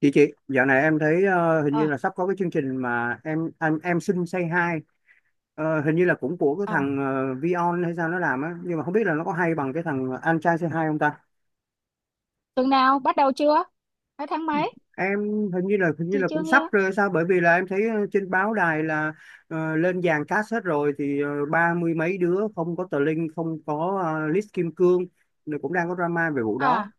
Chị, dạo này em thấy hình như ờ là sắp có cái chương trình mà em xin say hi. Ờ, hình như là cũng của cái à thằng Vion hay sao nó làm á, nhưng mà không biết là nó có hay bằng cái thằng anh trai say hi không ta. Tuần nào bắt đầu chưa, hay tháng mấy? Em hình như là hình như Chị là chưa cũng sắp nghe. rồi hay sao, bởi vì là em thấy trên báo đài là lên dàn cast hết rồi thì ba mươi mấy đứa, không có tờ Linh, không có List Kim Cương. Rồi cũng đang có drama về vụ à đó.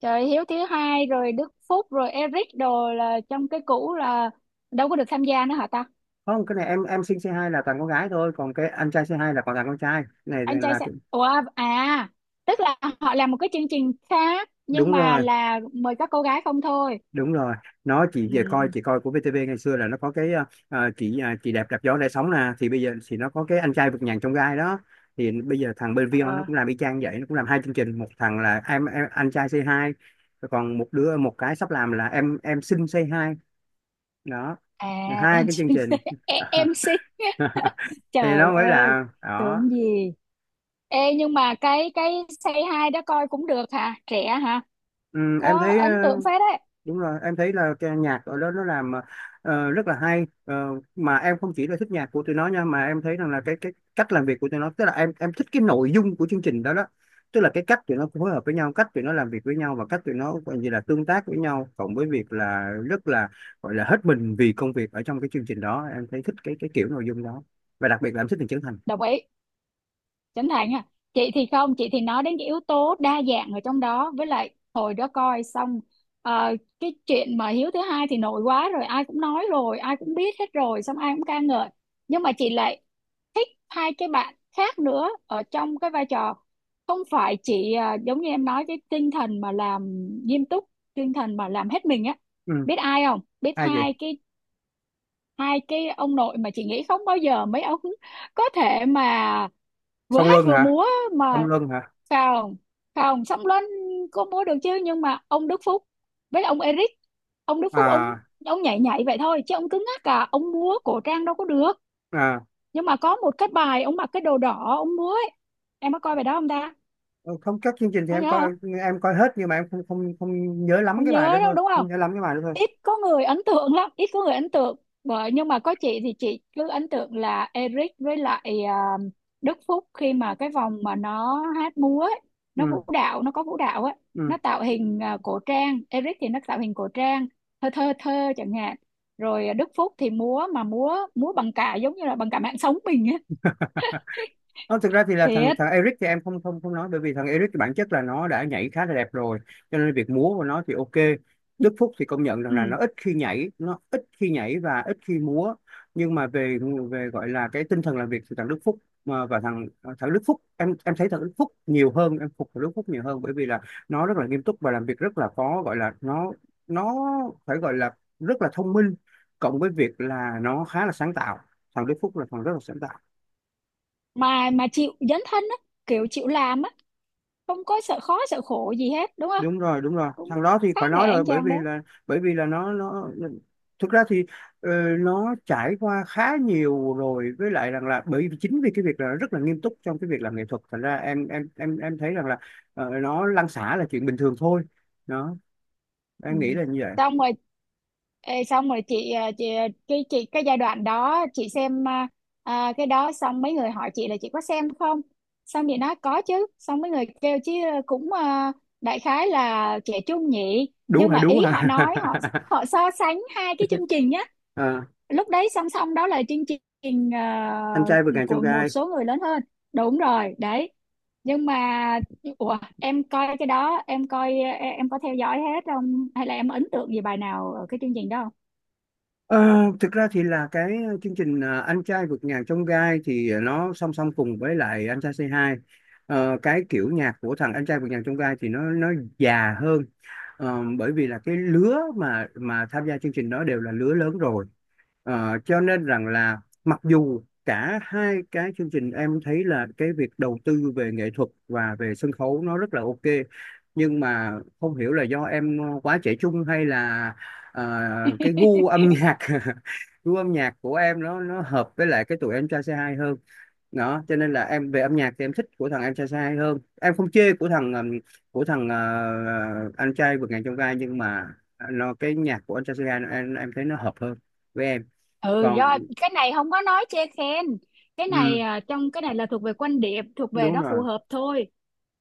Trời, Hiếu thứ hai rồi Đức Phúc rồi Eric đồ là trong cái cũ, là đâu có được tham gia nữa hả ta? Không, cái này em xin say hi là toàn con gái thôi, còn cái anh trai say hi là còn toàn con trai. Cái này Anh trai là sẽ Ủa, à tức là họ làm một cái chương trình khác, nhưng đúng mà rồi, là mời các cô gái không thôi. đúng rồi. Nó chỉ về coi, Ừ. chị coi của VTV ngày xưa là nó có cái chị à, chị đẹp đạp gió để sống nè, thì bây giờ thì nó có cái anh trai vượt ngàn chông gai đó. Thì bây giờ thằng bên Vion nó Ờ. cũng làm y chang vậy, nó cũng làm hai chương trình, một thằng là em, anh trai Say Hi. Rồi còn một đứa, một cái sắp làm là em xin Say Hi. Đó, À. hai Em cái chương trình. MC. Thì Trời nó mới ơi, là đó. tưởng gì. Ê, nhưng mà cái say hi đó coi cũng được hả, trẻ hả? Ừ, em Có thấy ấn tượng phết đấy. đúng rồi, em thấy là cái nhạc ở đó nó làm rất là hay. Ờ, mà em không chỉ là thích nhạc của tụi nó nha, mà em thấy rằng là cái cách làm việc của tụi nó, tức là em thích cái nội dung của chương trình đó đó. Tức là cái cách tụi nó phối hợp với nhau, cách tụi nó làm việc với nhau, và cách tụi nó gọi như là tương tác với nhau, cộng với việc là rất là gọi là hết mình vì công việc ở trong cái chương trình đó, em thấy thích cái kiểu nội dung đó. Và đặc biệt là em thích Trần Trấn Thành. Đồng ý. Chánh Thành à? Chị thì không, chị thì nói đến cái yếu tố đa dạng ở trong đó, với lại hồi đó coi xong cái chuyện mà Hiếu thứ hai thì nổi quá rồi, ai cũng nói rồi, ai cũng biết hết rồi, xong ai cũng ca ngợi. Nhưng mà chị lại thích hai cái bạn khác nữa ở trong cái vai trò, không phải chỉ giống như em nói, cái tinh thần mà làm nghiêm túc, tinh thần mà làm hết mình á. Ừ. Biết ai không? Biết Ai vậy? hai cái ông nội mà chị nghĩ không bao giờ mấy ông có thể mà vừa Song hát Luân vừa hả? múa Song mà. Luân hả? Phòng Phòng Song Luân có múa được chứ, nhưng mà ông Đức Phúc với ông Eric, ông Đức Phúc ông À. ông nhảy nhảy vậy thôi chứ ông cứng ngắc cả, ông múa cổ trang đâu có được. À. Nhưng mà có một cái bài ông mặc cái đồ đỏ ông múa ấy, em có coi bài đó không ta? Ờ, không, các chương trình thì Có em nhớ coi, không? em coi hết, nhưng mà em không không không nhớ lắm Không cái bài đó nhớ đâu thôi, đúng không không? nhớ lắm cái bài đó thôi. Ít có người ấn tượng lắm, ít có người ấn tượng. Bởi, nhưng mà có chị thì chị cứ ấn tượng là Eric với lại à, Đức Phúc, khi mà cái vòng mà nó hát múa ấy, nó Ừ. vũ đạo, nó có vũ đạo ấy, Ừ. nó tạo hình cổ trang, Eric thì nó tạo hình cổ trang thơ thơ thơ chẳng hạn. Rồi Đức Phúc thì múa, mà múa múa bằng cả, giống như là bằng cả mạng sống mình ấy. Không, thực ra thì là thằng Thiệt. thằng Eric thì em không không không nói, bởi vì thằng Eric thì bản chất là nó đã nhảy khá là đẹp rồi, cho nên việc múa của nó thì ok. Đức Phúc thì công nhận rằng Ừ. là nó ít khi nhảy, nó ít khi nhảy và ít khi múa. Nhưng mà về về gọi là cái tinh thần làm việc thì thằng Đức Phúc, mà và thằng thằng Đức Phúc, em thấy thằng Đức Phúc nhiều hơn, em phục thằng Đức Phúc nhiều hơn, bởi vì là nó rất là nghiêm túc và làm việc rất là có gọi là nó phải gọi là rất là thông minh, cộng với việc là nó khá là sáng tạo. Thằng Đức Phúc là thằng rất là sáng tạo. mà chịu dấn thân á, kiểu chịu làm á, không có sợ khó sợ khổ gì hết đúng không? Đúng rồi, đúng rồi, Cũng thằng đó thì khá phải nể nói rồi, anh chàng đấy. Bởi vì là nó thực ra thì ờ, nó trải qua khá nhiều rồi, với lại rằng là bởi vì chính vì cái việc là nó rất là nghiêm túc trong cái việc làm nghệ thuật, thành ra em thấy rằng là nó lăn xả là chuyện bình thường thôi. Đó, Ừ, em nghĩ là như vậy. xong rồi. Ê, xong rồi chị chị cái giai đoạn đó chị xem, à, cái đó xong mấy người hỏi chị là chị có xem không. Xong chị nói có chứ, xong mấy người kêu chứ cũng đại khái là trẻ trung nhỉ. Đú Nhưng hả? mà Đú ý hả? họ nói, họ họ so sánh hai cái chương trình nhá. Ờ, Lúc đấy song song đó là chương trình anh trai vượt ngàn chông của một gai. số người lớn hơn, đúng rồi đấy. Nhưng mà ủa, em coi cái đó em coi, em có theo dõi hết không, hay là em ấn tượng gì bài nào ở cái chương trình đó không? Ờ, thực ra thì là cái chương trình à, Anh trai vượt ngàn chông gai thì nó song song cùng với lại Anh trai c hai Ờ, cái kiểu nhạc của thằng Anh trai vượt ngàn chông gai thì nó già hơn. Ờ, bởi vì là cái lứa mà tham gia chương trình đó đều là lứa lớn rồi. Ờ, cho nên rằng là mặc dù cả hai cái chương trình, em thấy là cái việc đầu tư về nghệ thuật và về sân khấu nó rất là ok. Nhưng mà không hiểu là do em quá trẻ trung hay là ờ, cái gu âm nhạc gu âm nhạc của em nó hợp với lại cái tụi em trai C2 hơn. Đó, cho nên là em về âm nhạc thì em thích của thằng em trai C2 hơn, em không chê của thằng anh trai vượt ngàn chông gai, nhưng mà nó cái nhạc của anh trai C2 em thấy nó hợp hơn với em. Ừ, Còn, do cái này không có nói chê khen. Cái ừ, này trong cái này là thuộc về quan điểm, thuộc về đúng nó phù rồi. hợp thôi.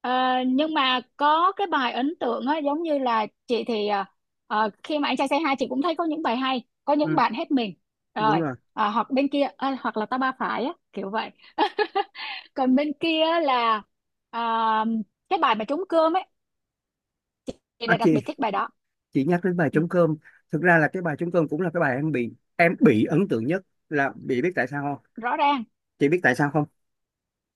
Ờ, nhưng mà có cái bài ấn tượng á, giống như là chị thì khi mà anh trai say hi, chị cũng thấy có những bài hay, có những Ừ, bạn hết mình đúng rồi. rồi. Hoặc bên kia hoặc là ta ba phải á kiểu vậy. Còn bên kia là à, cái bài mà trống cơm ấy, chị À, đã đặc chị biệt thích bài đó. chị nhắc đến bài Ừ. trống cơm. Thực ra là cái bài trống cơm cũng là cái bài em bị ấn tượng nhất, là bị, biết tại sao không? Rõ ràng. Chị biết tại sao không?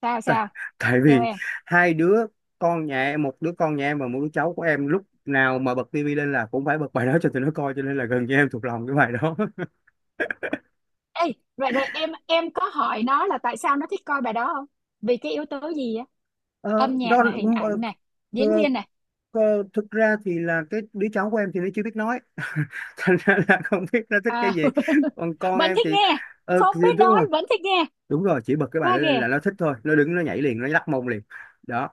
Sao Tại sao? tại Theo vì em. hai đứa con nhà em, một đứa con nhà em và một đứa cháu của em, lúc nào mà bật tivi lên là cũng phải bật bài đó cho tụi nó coi, cho nên là gần như em thuộc lòng cái bài đó. Ê, rồi rồi em có hỏi nó là tại sao nó thích coi bài đó không, vì cái yếu tố gì á? Ờ, Âm nhạc đó. này, hình Ờ. ảnh này, diễn Ờ, viên này ờ, thực ra thì là cái đứa cháu của em thì nó chưa biết nói. Thành ra là không biết nó thích à? cái gì. Còn con Vẫn em thích thì nghe. Không thì biết đúng nói rồi. vẫn thích nghe. Đúng rồi, chỉ bật cái bài Quá đó lên ghê. là nó thích thôi, nó đứng nó nhảy liền, nó lắc mông liền. Đó,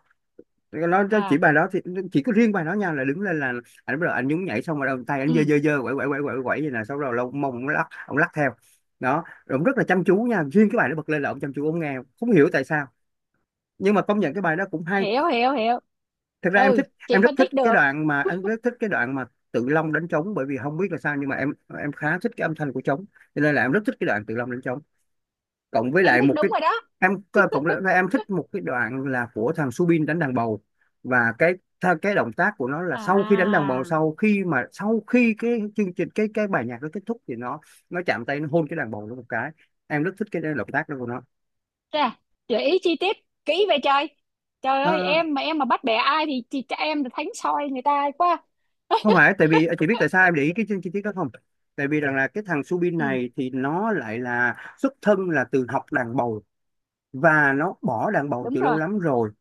nó chỉ À. bài đó thì chỉ có riêng bài đó nha, là đứng lên là anh bắt đầu anh nhún nhảy, xong rồi đầu, tay anh giơ Ừ. giơ giơ, quẩy quẩy quẩy quẩy quẩy vậy nè, xong rồi lông mông nó lắc, ông lắc theo. Đó rồi, ông rất là chăm chú nha, riêng cái bài nó bật lên là ông chăm chú, ông nghe không hiểu tại sao, nhưng mà công nhận cái bài đó cũng hay. Hiểu, hiểu, hiểu. Thực ra em Ừ, thích, em chị rất phân thích tích cái được. đoạn mà em rất thích cái đoạn mà Tự Long đánh trống, bởi vì không biết là sao nhưng mà em khá thích cái âm thanh của trống, cho nên là em rất thích cái đoạn Tự Long đánh trống. Cộng với Em lại thích, một đúng cái rồi đó. em, cộng lại em thích một cái đoạn là của thằng Subin đánh đàn bầu. Và cái cái động tác của nó là, sau khi đánh đàn bầu, À. sau khi mà, sau khi cái chương trình, cái bài nhạc nó kết thúc thì nó chạm tay, nó hôn cái đàn bầu nó một cái. Em rất thích cái động tác đó của nó. Chà, gợi ý chi tiết kỹ vậy trời. Trời ơi, À, em mà bắt bẻ ai thì chị cho em là thánh soi người ta quá. không phải tại vì à, chị biết tại sao em để ý cái chi chi tiết đó không? Tại vì rằng là cái thằng Subin Ừ, này thì nó lại là xuất thân là từ học đàn bầu, và nó bỏ đàn bầu đúng từ lâu rồi. lắm rồi.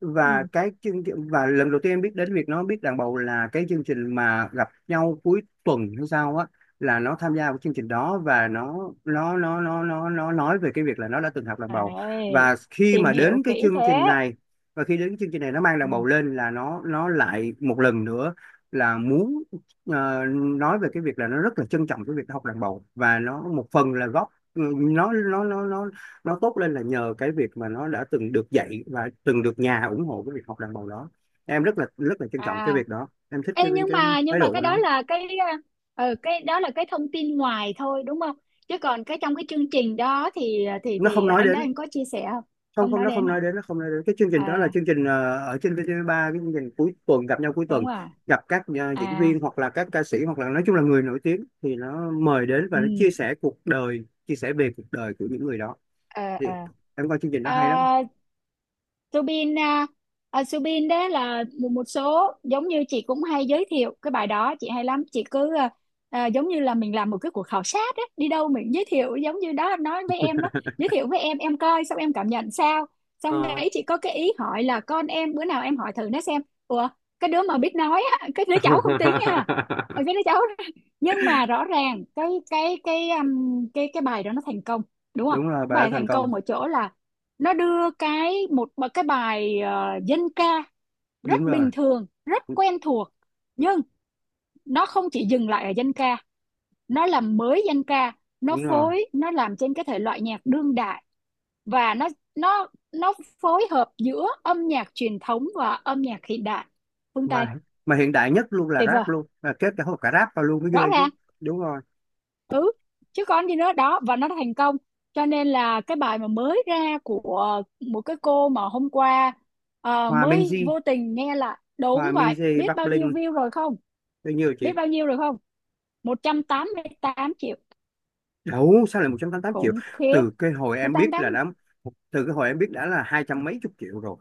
Và Ừ. cái chương trình, và lần đầu tiên em biết đến việc nó biết đàn bầu là cái chương trình mà gặp nhau cuối tuần hay sao á, là nó tham gia vào chương trình đó và nó nói về cái việc là nó đã từng học đàn bầu. Đấy, Và khi mà tìm hiểu đến cái kỹ chương trình thế. này, và khi đến chương trình này nó mang đàn bầu Ừ. lên là nó lại một lần nữa là muốn ờ, nói về cái việc là nó rất là trân trọng cái việc học đàn bầu, và nó một phần là góp, ừ, nó tốt lên là nhờ cái việc mà nó đã từng được dạy và từng được nhà ủng hộ cái việc học đàn bầu đó. Em rất là trân trọng cái À, việc đó, em thích cái ê, nhưng cái mà nhưng thái mà độ của cái nó. đó là cái, ừ, cái đó là cái thông tin ngoài thôi đúng không? Chứ còn cái trong cái chương trình đó thì thì Nó thì không nói anh đó đến, anh có chia sẻ không? không, Không không nói nó không đến hả? nói đến, nó không nói đến cái chương trình đó là À, chương trình ở trên VTV3, cái chương trình cuối tuần, gặp nhau cuối tuần, đúng rồi. gặp các diễn À, viên hoặc là các ca sĩ hoặc là nói chung là người nổi tiếng, thì nó mời đến và nó ừ. chia sẻ cuộc đời, chia sẻ về cuộc đời của những người đó. Ờ, Thì ờ. em coi chương trình đó hay lắm. À, Subin à, Subin đó là một số, giống như chị cũng hay giới thiệu cái bài đó, chị hay lắm, chị cứ à, giống như là mình làm một cái cuộc khảo sát á, đi đâu mình giới thiệu giống như đó nói với em đó, giới thiệu với em coi xong em cảm nhận sao. Xong Ờ. đấy chị có cái ý hỏi là con em, bữa nào em hỏi thử nó xem. Ủa, cái đứa mà biết nói á, cái đứa cháu không tính nha. Ờ, cái đứa cháu. Nhưng mà rõ ràng cái bài đó nó thành công đúng không? Đúng rồi, Cái bà đã bài thành thành công. công ở chỗ là nó đưa cái một cái bài dân ca, Đúng rất rồi, bình thường, rất quen thuộc, nhưng nó không chỉ dừng lại ở dân ca. Nó làm mới dân ca, nó đúng rồi. phối, nó làm trên cái thể loại nhạc đương đại, và nó phối hợp giữa âm nhạc truyền thống và âm nhạc hiện đại phương Tây. Mà mà hiện đại nhất luôn là Tuyệt vời. rap, luôn là kết cả hộp cả rap vào luôn mới Rõ ghê chứ. ràng. Đúng rồi. Ừ, chứ còn gì nữa đó, và nó thành công. Cho nên là cái bài mà mới ra của một cái cô mà hôm qua Hòa mới Minzy, vô tình nghe là Hòa đúng vậy, Minzy biết Bắc bao nhiêu Linh. view rồi không? Bao nhiêu chị? Biết bao nhiêu rồi không? 188 triệu. Đủ sao lại 188 triệu? Khủng khiếp. Từ cái hồi em biết 188. là đã, từ cái hồi em biết đã là hai trăm mấy chục triệu rồi.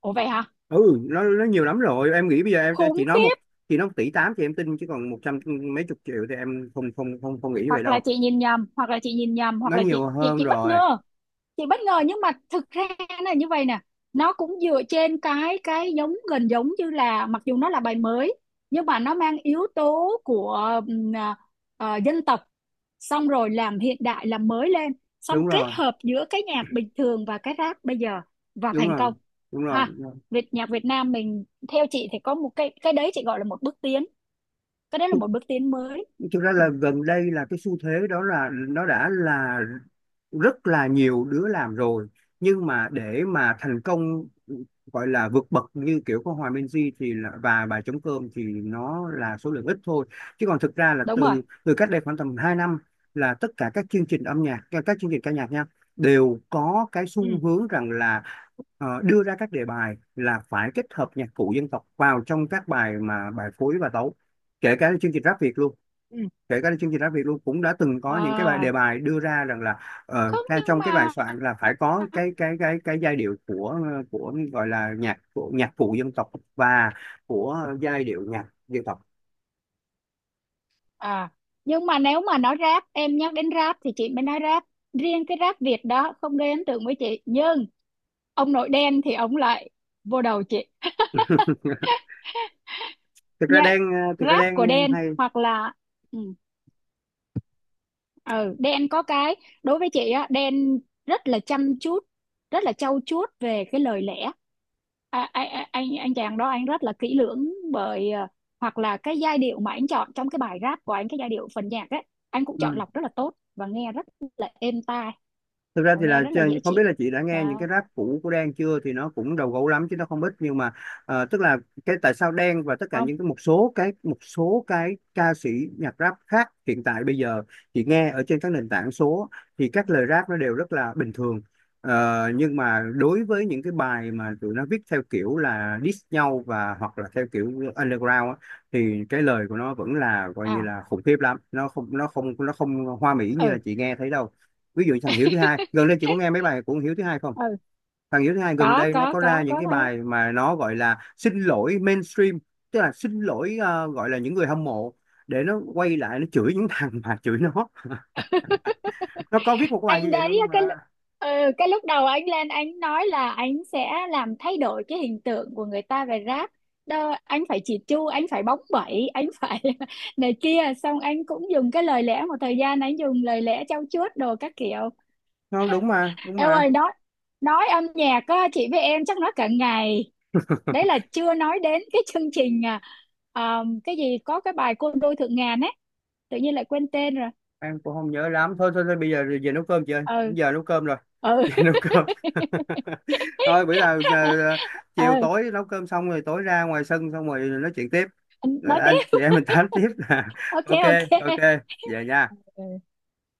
Ủa vậy hả? Ừ, nó nhiều lắm rồi, em nghĩ bây giờ em, chị Khủng nói một, khiếp. chị nói 1,8 tỷ thì em tin, chứ còn một trăm mấy chục triệu thì em không không không không nghĩ vậy Hoặc là đâu. chị nhìn nhầm, hoặc là chị nhìn nhầm, hoặc Nó là chị nhiều chị hơn chị bất rồi. ngờ. Chị bất ngờ, nhưng mà thực ra là như vậy nè. Nó cũng dựa trên cái giống gần giống như là, mặc dù nó là bài mới, nhưng mà nó mang yếu tố của ừm, à, dân tộc, xong rồi làm hiện đại, làm mới lên, xong Đúng kết rồi. hợp giữa cái nhạc bình thường và cái rap bây giờ, và Đúng thành công. rồi. Đúng rồi. Ha, Việt, nhạc Việt Nam mình theo chị thì có một cái đấy, chị gọi là một bước tiến, cái đấy là thực, một bước tiến mới. thực ra Ừ, là gần đây là cái xu thế đó là nó đã là rất là nhiều đứa làm rồi. Nhưng mà để mà thành công gọi là vượt bậc như kiểu của Hòa Minzy thì là, và bà trống cơm thì nó là số lượng ít thôi, chứ còn thực ra là đúng rồi. từ từ cách đây khoảng tầm 2 năm là tất cả các chương trình âm nhạc, các chương trình ca nhạc nha, đều có cái xu Ừ. hướng rằng là đưa ra các đề bài là phải kết hợp nhạc cụ dân tộc vào trong các bài mà bài phối và tấu. Kể cả chương trình rap Việt luôn, Ừ. Ừ. kể cả chương trình Rap Việt luôn cũng đã từng có những cái bài đề À, bài đưa ra rằng là không, ra nhưng trong cái bài mà. soạn là phải có cái giai điệu của gọi là nhạc, của nhạc cụ dân tộc và của giai điệu nhạc dân tộc. À, nhưng mà nếu mà nói rap, em nhắc đến rap thì chị mới nói rap. Riêng cái rap Việt đó không gây ấn tượng với chị. Nhưng ông nội đen thì ông lại vô đầu chị. thực ra Nhạc đang thực ra rap của đang đen hay. hoặc là. Ừ, ừ, đen có cái. Đối với chị á, đen rất là chăm chút, rất là trau chuốt về cái lời lẽ. À, anh chàng đó anh rất là kỹ lưỡng, bởi hoặc là cái giai điệu mà anh chọn trong cái bài rap của anh, cái giai điệu phần nhạc ấy, anh cũng chọn Ừ. lọc rất là tốt và nghe rất là êm tai. Thực ra Và thì nghe là rất là dễ không biết chịu là chị đã nghe những đó. cái rap cũ của Đen chưa, thì nó cũng đầu gấu lắm chứ nó không ít, nhưng mà tức là cái tại sao Đen và tất cả Không. những cái một số cái ca sĩ nhạc rap khác hiện tại bây giờ, chị nghe ở trên các nền tảng số, thì các lời rap nó đều rất là bình thường. Ờ, nhưng mà đối với những cái bài mà tụi nó viết theo kiểu là diss nhau và hoặc là theo kiểu underground á, thì cái lời của nó vẫn là coi như À. là khủng khiếp lắm, nó không hoa mỹ như là Ừ. chị nghe thấy đâu. Ví dụ như thằng Hiếu thứ hai gần đây, chị có nghe mấy bài của thằng Hiếu thứ hai không? Ừ. Thằng Hiếu thứ hai gần có đây nó có có ra có những có cái thấy. bài mà nó gọi là xin lỗi mainstream, tức là xin lỗi gọi là những người hâm mộ, để nó quay lại nó chửi những thằng mà chửi nó. Nó có viết một cái bài như Anh vậy đấy luôn á, mà. Cái lúc đầu anh lên anh nói là anh sẽ làm thay đổi cái hình tượng của người ta về rác, đó anh phải chỉ chu, anh phải bóng bẩy, anh phải này kia, xong anh cũng dùng cái lời lẽ một thời gian, anh dùng lời lẽ trau chuốt đồ các kiểu. Nó đúng mà, đúng Em mà. ơi, nói âm nhạc á, chị với em chắc nói cả ngày. Đấy là chưa nói đến cái chương trình cái gì có cái bài Côn Đôi Thượng Ngàn ấy, tự nhiên lại quên tên rồi. Em cũng không nhớ lắm. Thôi thôi, thôi bây giờ về nấu cơm chị ơi, Ừ. giờ nấu cơm rồi. Ừ. Về nấu cơm. Thôi bữa nào giờ, ờ, chiều Ừ. tối nấu cơm xong rồi tối ra ngoài sân xong rồi nói chuyện tiếp. Rồi Nói anh tiếp. chị em mình tám tiếp. OK. Ok, ok. OK. Về nha.